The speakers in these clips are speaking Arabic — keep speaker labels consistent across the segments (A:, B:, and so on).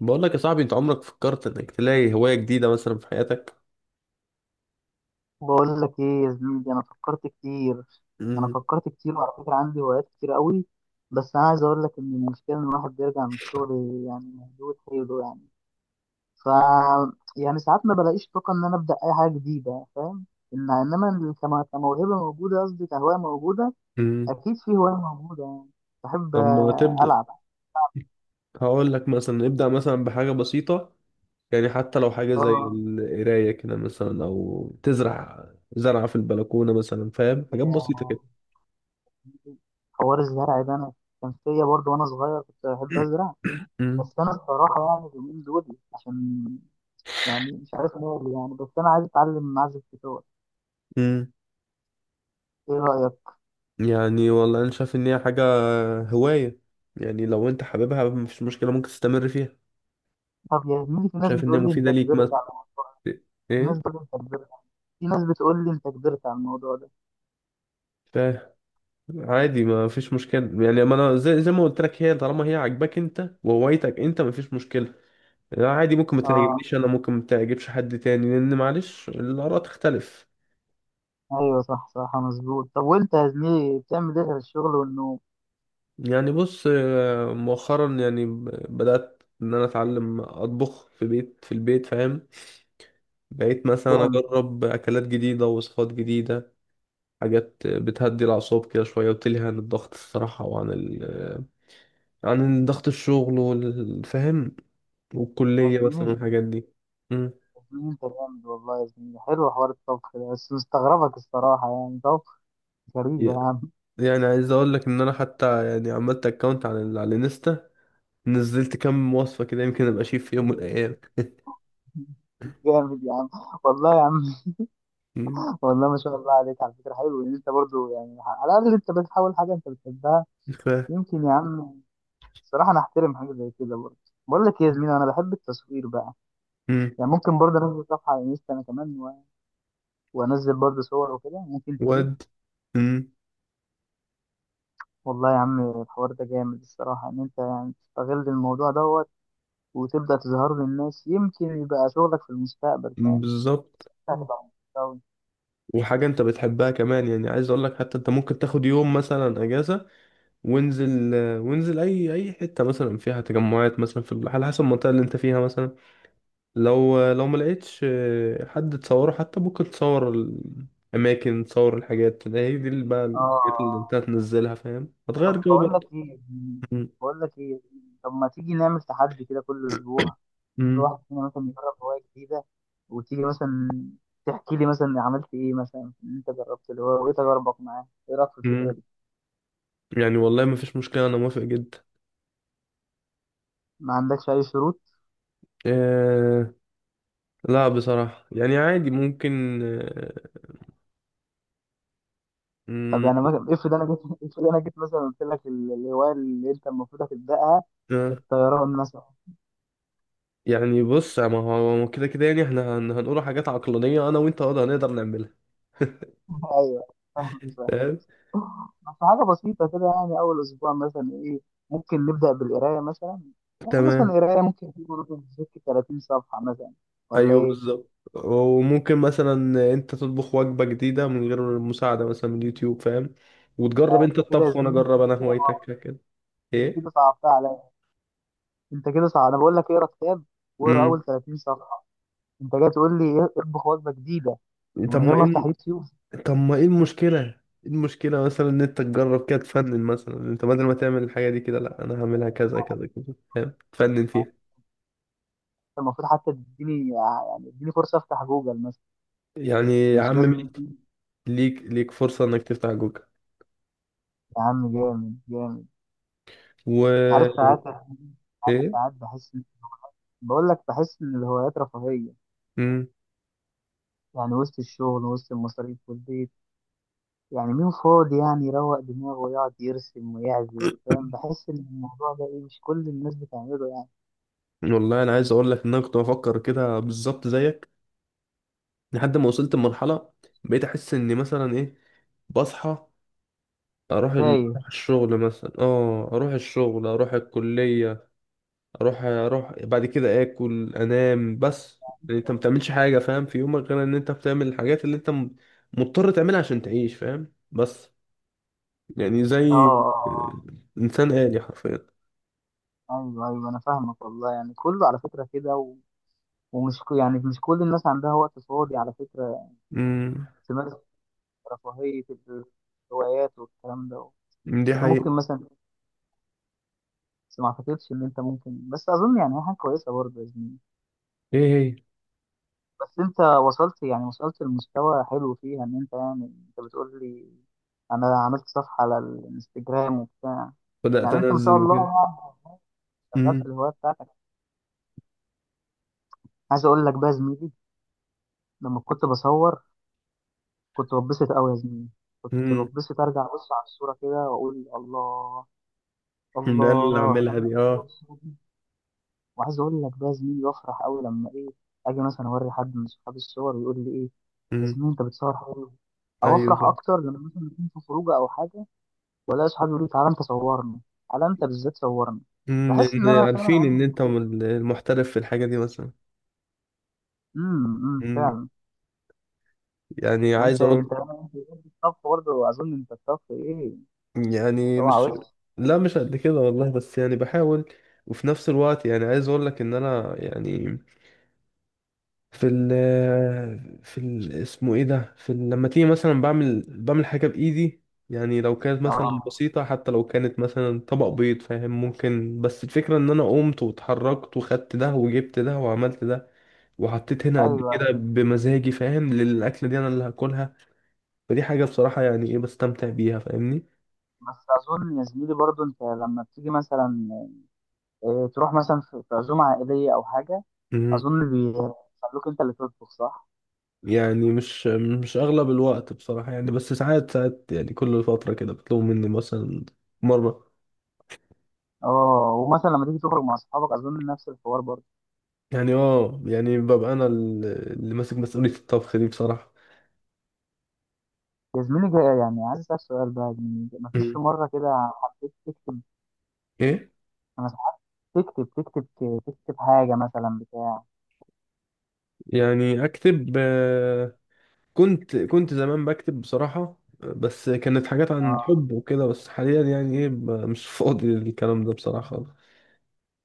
A: بقول لك يا صاحبي، انت عمرك فكرت انك تلاقي هواية جديدة مثلا في حياتك؟
B: بقول لك ايه يا زميلي، انا فكرت كتير. انا
A: مم.
B: فكرت كتير، وعلى فكره عندي هوايات كتير قوي. بس انا عايز اقول لك ان المشكله ان الواحد بيرجع من الشغل يعني مهدود حيله يعني. ف يعني ساعات ما بلاقيش طاقه ان انا ابدا اي حاجه جديده، فاهم؟ إن انما كموهبه موجوده، قصدي كهوايه موجوده.
A: مم.
B: اكيد في هوايه موجوده يعني. بحب
A: طب ما تبدأ.
B: العب.
A: هقول لك مثلا ابدأ مثلا بحاجة بسيطة، يعني حتى لو حاجة زي
B: اه.
A: القراية كده مثلا او تزرع زرعة في البلكونة مثلا، فاهم؟ حاجات بسيطة
B: يا-
A: كده.
B: حوار الزرع ده انا كان فيا برضه، وانا صغير كنت بحب ازرع.
A: مم.
B: بس انا الصراحه يعني اليومين دول عشان يعني مش عارف ماله يعني، بس انا عايز اتعلم اعزف جيتار.
A: مم.
B: ايه رايك؟
A: يعني والله انا شايف ان هي حاجة، هواية، يعني لو انت حاببها مفيش مشكلة، ممكن تستمر فيها.
B: طب يا زميلي، في ناس
A: شايف ان هي
B: بتقول لي انت
A: مفيدة ليك مثلا؟
B: في ناس
A: ايه،
B: بتقول لي انت كبرت، في ناس بتقول لي انت كبرت على الموضوع ده.
A: فاهم. عادي، ما فيش مشكلة، يعني ما انا زي ما قلت لك، هي طالما هي عاجباك انت وهوايتك انت، ما فيش مشكلة. يعني عادي، ممكن ما
B: اه.
A: تعجبنيش انا، ممكن ما تعجبش حد تاني، لان معلش الآراء تختلف.
B: ايوه، صح صح، مظبوط. طب وانت يا زميلي بتعمل ايه غير الشغل والنوم؟
A: يعني بص، مؤخرا يعني بدأت ان انا اتعلم اطبخ في البيت، فاهم؟ بقيت مثلا
B: جامد
A: اجرب اكلات جديدة، وصفات جديدة. حاجات بتهدي الأعصاب كده شوية وتلهي عن الضغط الصراحة، وعن عن ضغط الشغل، والفهم،
B: يا
A: والكلية
B: زميلي.
A: مثلا، والحاجات دي. مم.
B: يا زميلي انت جامد والله يا زميلي، حلو حوار الطبخ ده، بس مستغربك الصراحه، يعني طبخ، غريب يا
A: ي-
B: عم.
A: يعني عايز اقول لك ان انا حتى يعني عملت اكونت على على الانستا، نزلت كام وصفة كده، يمكن ابقى شيف في يوم من الايام.
B: جامد يا عم، والله يا عم.
A: مم.
B: والله ما شاء الله عليك، على فكره حلو ان انت برضو يعني على الاقل انت بتحاول حاجه انت بتحبها.
A: ف
B: يمكن يا عم الصراحه انا احترم حاجه زي كده برضه. بقول لك إيه يا زميلي، انا بحب التصوير بقى.
A: مم.
B: يعني ممكن برضه انزل صفحه على انستا انا كمان، وانزل برضه صور وكده، ممكن تجيب.
A: ود مم.
B: والله يا عم الحوار ده جامد الصراحه، ان انت يعني تستغل الموضوع دوت وتبدا تظهر للناس، يمكن يبقى شغلك في المستقبل، فاهم؟
A: بالظبط، آه.
B: هتبقى مبسوط أوي.
A: وحاجة انت بتحبها كمان. يعني عايز اقول لك، حتى انت ممكن تاخد يوم مثلا اجازة، وانزل اي حتة مثلا فيها تجمعات، مثلا في على حسب المنطقة اللي انت فيها مثلا. لو ما لقيتش حد تصوره، حتى ممكن تصور الأماكن، تصور الحاجات. ده هي دي اللي بقى الحاجات اللي أنت
B: اه.
A: هتنزلها، فاهم؟
B: طب
A: هتغير جو
B: بقول
A: بقى.
B: لك ايه،
A: م-
B: بقول لك ايه، طب ما تيجي نعمل تحدي كده كل اسبوع، كل
A: م-
B: واحد فينا مثلا يجرب هواية جديدة، وتيجي مثلا تحكي لي مثلا عملت ايه مثلا في اللي انت جربت اللي هو، وايه تجاربك معاه؟ ايه رايك في الفكرة
A: م.
B: دي؟
A: يعني والله ما فيش مشكلة، أنا موافق جدا.
B: ما عندكش اي شروط؟
A: آه. لا بصراحة يعني عادي، ممكن، آه.
B: طب
A: م-
B: يعني مثلا افرض انا جيت، افرض انا جيت مثلا قلت لك الهواية اللي انت المفروض هتبدأها
A: آه.
B: الطيران مثلا.
A: يعني بص، ما هو كده كده، يعني احنا هنقول حاجات عقلانية أنا وأنت نقدر نعملها.
B: ايوه.
A: فاهم؟
B: في حاجة بسيطة كده، يعني أول أسبوع مثلا إيه؟ ممكن نبدأ بالقراية مثلا. يعني مثلا
A: تمام.
B: القراية ممكن تكون في سكة 30 صفحة مثلا، ولا
A: ايوه
B: إيه؟
A: بالظبط. وممكن مثلا انت تطبخ وجبة جديدة من غير مساعدة مثلا من اليوتيوب، فاهم؟ وتجرب
B: لا
A: انت
B: أنت كده يا
A: الطبخ وانا
B: زميلي،
A: اجرب انا
B: كده،
A: هوايتك كده. ايه.
B: كده صعبتها عليا. أنت كده صعب، أنا بقول لك اقرا كتاب واقرا
A: امم.
B: أول 30 صفحة، أنت جاي تقول لي إيه؟ اطبخ وجبة جديدة
A: طب
B: ومن غير
A: ما
B: ما أفتح
A: ايه
B: يوتيوب؟
A: طب ما ايه المشكلة ايه؟ المشكلة مثلا ان انت تجرب كده، تفنن مثلا، انت بدل ما تعمل الحاجة دي كده، لا انا هعملها كذا كذا كذا، فاهم؟ تفنن فيها.
B: المفروض حتى تديني يعني اديني فرصة أفتح جوجل مثلا،
A: يعني يا
B: مش
A: عم
B: لازم
A: ماشي،
B: يوتيوب.
A: ليك فرصة انك تفتح جوجل.
B: يا عم جامد جامد.
A: و
B: عارف ساعات، عارف
A: ايه.
B: ساعات بحس، بقول لك بحس إن الهوايات رفاهية.
A: امم.
B: يعني وسط الشغل وسط المصاريف والبيت، يعني مين فاضي يعني يروق دماغه ويقعد يرسم ويعزف، فاهم؟ بحس ان الموضوع ده ايه، مش كل الناس بتعمله يعني.
A: والله انا عايز اقول لك ان انا كنت بفكر كده بالظبط زيك، لحد ما وصلت لمرحلة بقيت أحس إني مثلا إيه، بصحى،
B: تايه.
A: أروح الشغل مثلا، أروح الكلية، أروح بعد كده آكل أنام بس. يعني أنت ما
B: اه.
A: بتعملش حاجة، فاهم، في يومك غير إن أنت بتعمل الحاجات اللي أنت مضطر تعملها عشان تعيش، فاهم؟ بس. يعني
B: اه.
A: زي، آه،
B: آه.
A: إنسان آلي حرفيا.
B: ايوه ايوه انا فاهمك والله، يعني كله على فكره كده يعني مش كل الناس عندها وقت فاضي على فكره
A: امم.
B: تمارس رفاهيه ال- الهوايات والكلام ده.
A: دي
B: انت
A: حقيقة.
B: ممكن مثلا، بس ما اعتقدش ان انت ممكن، بس اظن يعني هي حاجه كويسه برضه.
A: إيه هي؟
B: بس انت وصلت يعني وصلت لمستوى حلو فيها، ان انت يعني انت بتقول لي انا عملت صفحة على الانستجرام وبتاع.
A: بدأت
B: يعني انت ما شاء
A: أنزل
B: الله
A: وكده.
B: شغال في
A: امم.
B: الهواية بتاعتك. عايز اقول لك بقى يا زميلي، لما كنت بصور كنت بتبسط قوي يا زميلي، كنت
A: امم.
B: بتبسط ارجع ابص على الصورة كده واقول الله،
A: ده اللي
B: الله
A: أعملها
B: انا
A: دي،
B: الصور
A: آه.
B: الصورة دي. وعايز اقول لك بقى يا زميلي، بفرح قوي لما ايه، اجي مثلا اوري حد من صحابي الصور ويقول لي ايه، يا
A: امم.
B: زميلي انت بتصور حلو. او افرح
A: أيوه.
B: اكتر لما مثلا نكون في خروجه او حاجه، ولا اصحابي يقولوا لي تعالى انت صورني، تعالى انت بالذات صورني. بحس ان
A: لأن
B: انا فعلا
A: عارفين
B: عندي
A: إن أنت
B: الموضوع.
A: المحترف في الحاجة دي مثلا.
B: امم،
A: مم.
B: فعلا.
A: يعني
B: وانت
A: عايز أقول.
B: انت انت الطبخ برضه اظن، انت الطبخ ايه،
A: يعني
B: اوعى
A: مش.
B: وش.
A: لا مش قد كده والله، بس يعني بحاول. وفي نفس الوقت يعني عايز أقول لك إن أنا يعني في ال في ال اسمه إيه ده في ال... لما تيجي مثلا بعمل حاجة بإيدي، يعني لو كانت مثلا
B: اه
A: بسيطة، حتى لو كانت مثلا طبق بيض، فاهم؟ ممكن. بس الفكرة إن أنا قمت واتحركت وخدت ده وجبت ده وعملت ده وحطيت هنا قد
B: ايوه.
A: كده بمزاجي، فاهم؟ للأكلة دي أنا اللي هاكلها. فدي حاجة بصراحة يعني إيه بستمتع بيها، فاهمني؟
B: بس اظن يا زميلي برضه انت لما بتيجي مثلا إيه، تروح مثلا في عزومه عائليه او حاجه،
A: مم.
B: اظن بيخلوك انت اللي تطبخ صح؟
A: يعني مش أغلب الوقت بصراحة، يعني بس ساعات ساعات، يعني كل فترة كده بيطلبوا مني مثلا مرة.
B: اه، ومثلا لما تيجي تخرج مع اصحابك اظن نفس الحوار برضه.
A: يعني يعني ببقى أنا اللي ماسك مسؤولية الطبخ دي بصراحة.
B: يا زميلي جاي يعني عايز اسالك سؤال بقى يا زميلي، مفيش في
A: مم.
B: مره كده حبيت تكتب؟
A: إيه.
B: انا ساعات تكتب تكتب حاجه مثلا بتاع.
A: يعني أكتب، كنت زمان بكتب بصراحة، بس كانت حاجات عن
B: اه،
A: حب وكده، بس حاليا يعني ايه مش فاضي للكلام ده بصراحة خالص.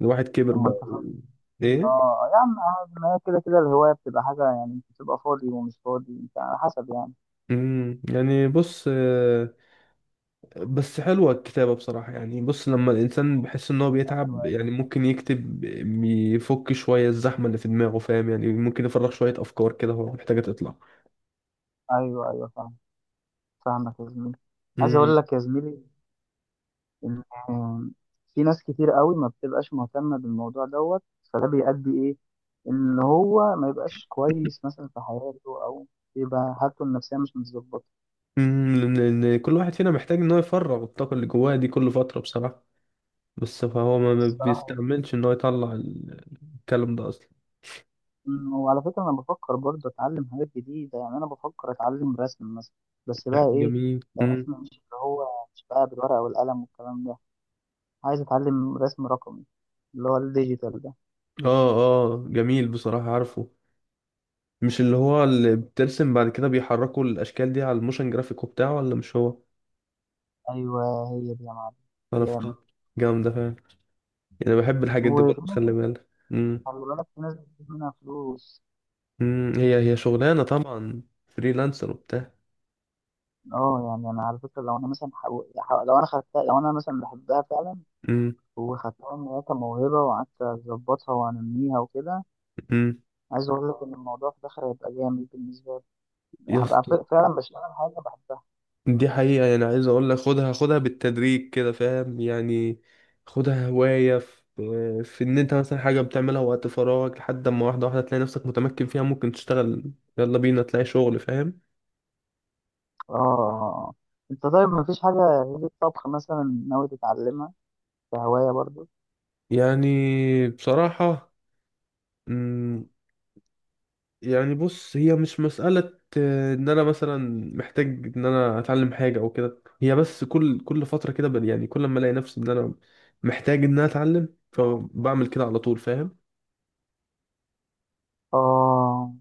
A: الواحد كبر
B: لما
A: بقى
B: انت فاضي.
A: ايه.
B: اه يا عم عادي، ما هي كده كده الهوايه بتبقى حاجه يعني، انت بتبقى فاضي ومش فاضي انت على حسب يعني.
A: امم. يعني بص، بس حلوة الكتابة بصراحة. يعني بص، لما الإنسان بيحس إن هو
B: ايوه
A: بيتعب
B: ايوه.
A: يعني ممكن يكتب، يفك شوية الزحمة اللي في دماغه، فاهم؟ يعني ممكن يفرغ شوية أفكار كده هو محتاجة تطلع.
B: ايوه ايوه فاهم. فاهمك يا زميلي. عايز اقول
A: امم.
B: لك يا زميلي ان آه، في ناس كتير قوي ما بتبقاش مهتمه بالموضوع دوت، فده بيؤدي ايه، ان هو ما يبقاش كويس مثلا في حياته، او يبقى حالته النفسيه مش متظبطه
A: لأن كل واحد فينا محتاج إن هو يفرغ الطاقة اللي جواه دي كل فترة بصراحة. بس فهو ما
B: الصراحه.
A: بيستعملش إن هو يطلع الكلام ده أصلا.
B: وعلى فكرة أنا بفكر برضه أتعلم حاجات جديدة، يعني أنا بفكر أتعلم رسم مثلا، بس بقى إيه،
A: جميل. امم.
B: رسم مش اللي هو، مش بقى بالورقة والقلم والكلام ده، عايز أتعلم رسم رقمي، اللي هو الديجيتال ده.
A: اه، اه، جميل بصراحة، عارفه. مش اللي هو اللي بترسم بعد كده بيحركوا الاشكال دي على الموشن جرافيك وبتاعه، ولا مش هو؟
B: أيوه هي دي يا معلم. جامد.
A: عرفتها. جامده فعلا. يعني بحب الحاجات دي
B: وفي
A: برضه،
B: ناس،
A: خلي بالك. امم.
B: خلي بالك في ناس بتجيب منها فلوس.
A: هي هي شغلانه طبعا، فريلانسر وبتاع.
B: اه، يعني أنا على فكرة لو أنا مثلا لو أنا خدتها، لو أنا مثلا بحبها فعلا
A: امم.
B: وخدتها إن هي كموهبة، وقعدت أظبطها وأنميها وكده،
A: امم.
B: عايز أقول لك إن الموضوع في الآخر هيبقى جامد بالنسبة لي.
A: يا
B: هبقى
A: اسطى.
B: فعلا بشتغل حاجة بحبها.
A: دي حقيقه، يعني عايز اقول لك، خدها خدها بالتدريج كده، فاهم؟ يعني خدها هوايه. في ان انت مثلا حاجه بتعملها وقت فراغك، لحد اما واحده واحده تلاقي نفسك متمكن فيها، ممكن تشتغل. يلا بينا تلاقي شغل، فاهم؟
B: اه. انت طيب مفيش حاجة غير الطبخ مثلا ناوي تتعلمها كهواية برضو؟
A: يعني بصراحه. مم، يعني بص، هي مش مسألة ان انا مثلا محتاج ان انا اتعلم حاجة او كده. هي بس كل فترة كده يعني كل ما الاقي نفسي ان انا محتاج ان انا اتعلم فبعمل كده على طول، فاهم؟
B: اه،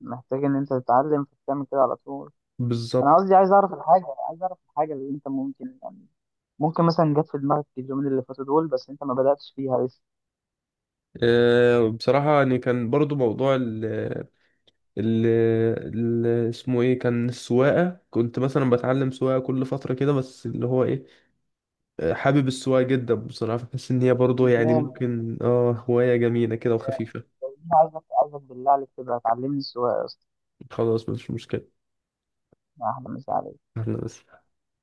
B: محتاج ان انت تتعلم فتعمل كده على طول. انا
A: بالظبط.
B: قصدي عايز اعرف الحاجة، عايز اعرف الحاجة اللي انت ممكن يعني ممكن مثلا جت في دماغك اليومين اللي فاتوا دول، بس انت ما بدأتش فيها لسه.
A: آه، بصراحة يعني كان برضو موضوع ال اسمه ايه، كان السواقة. كنت مثلا بتعلم سواقة كل فترة كده، بس اللي هو ايه، آه، حابب السواقة جدا بصراحة. بحس ان هي برضو يعني
B: جامد.
A: ممكن هواية جميلة كده وخفيفة.
B: عايزك عايزك بالله عليك تبقى تعلمني السواقة يا اسطى.
A: خلاص مش مشكلة.
B: احلى مسا عليك.
A: احنا بس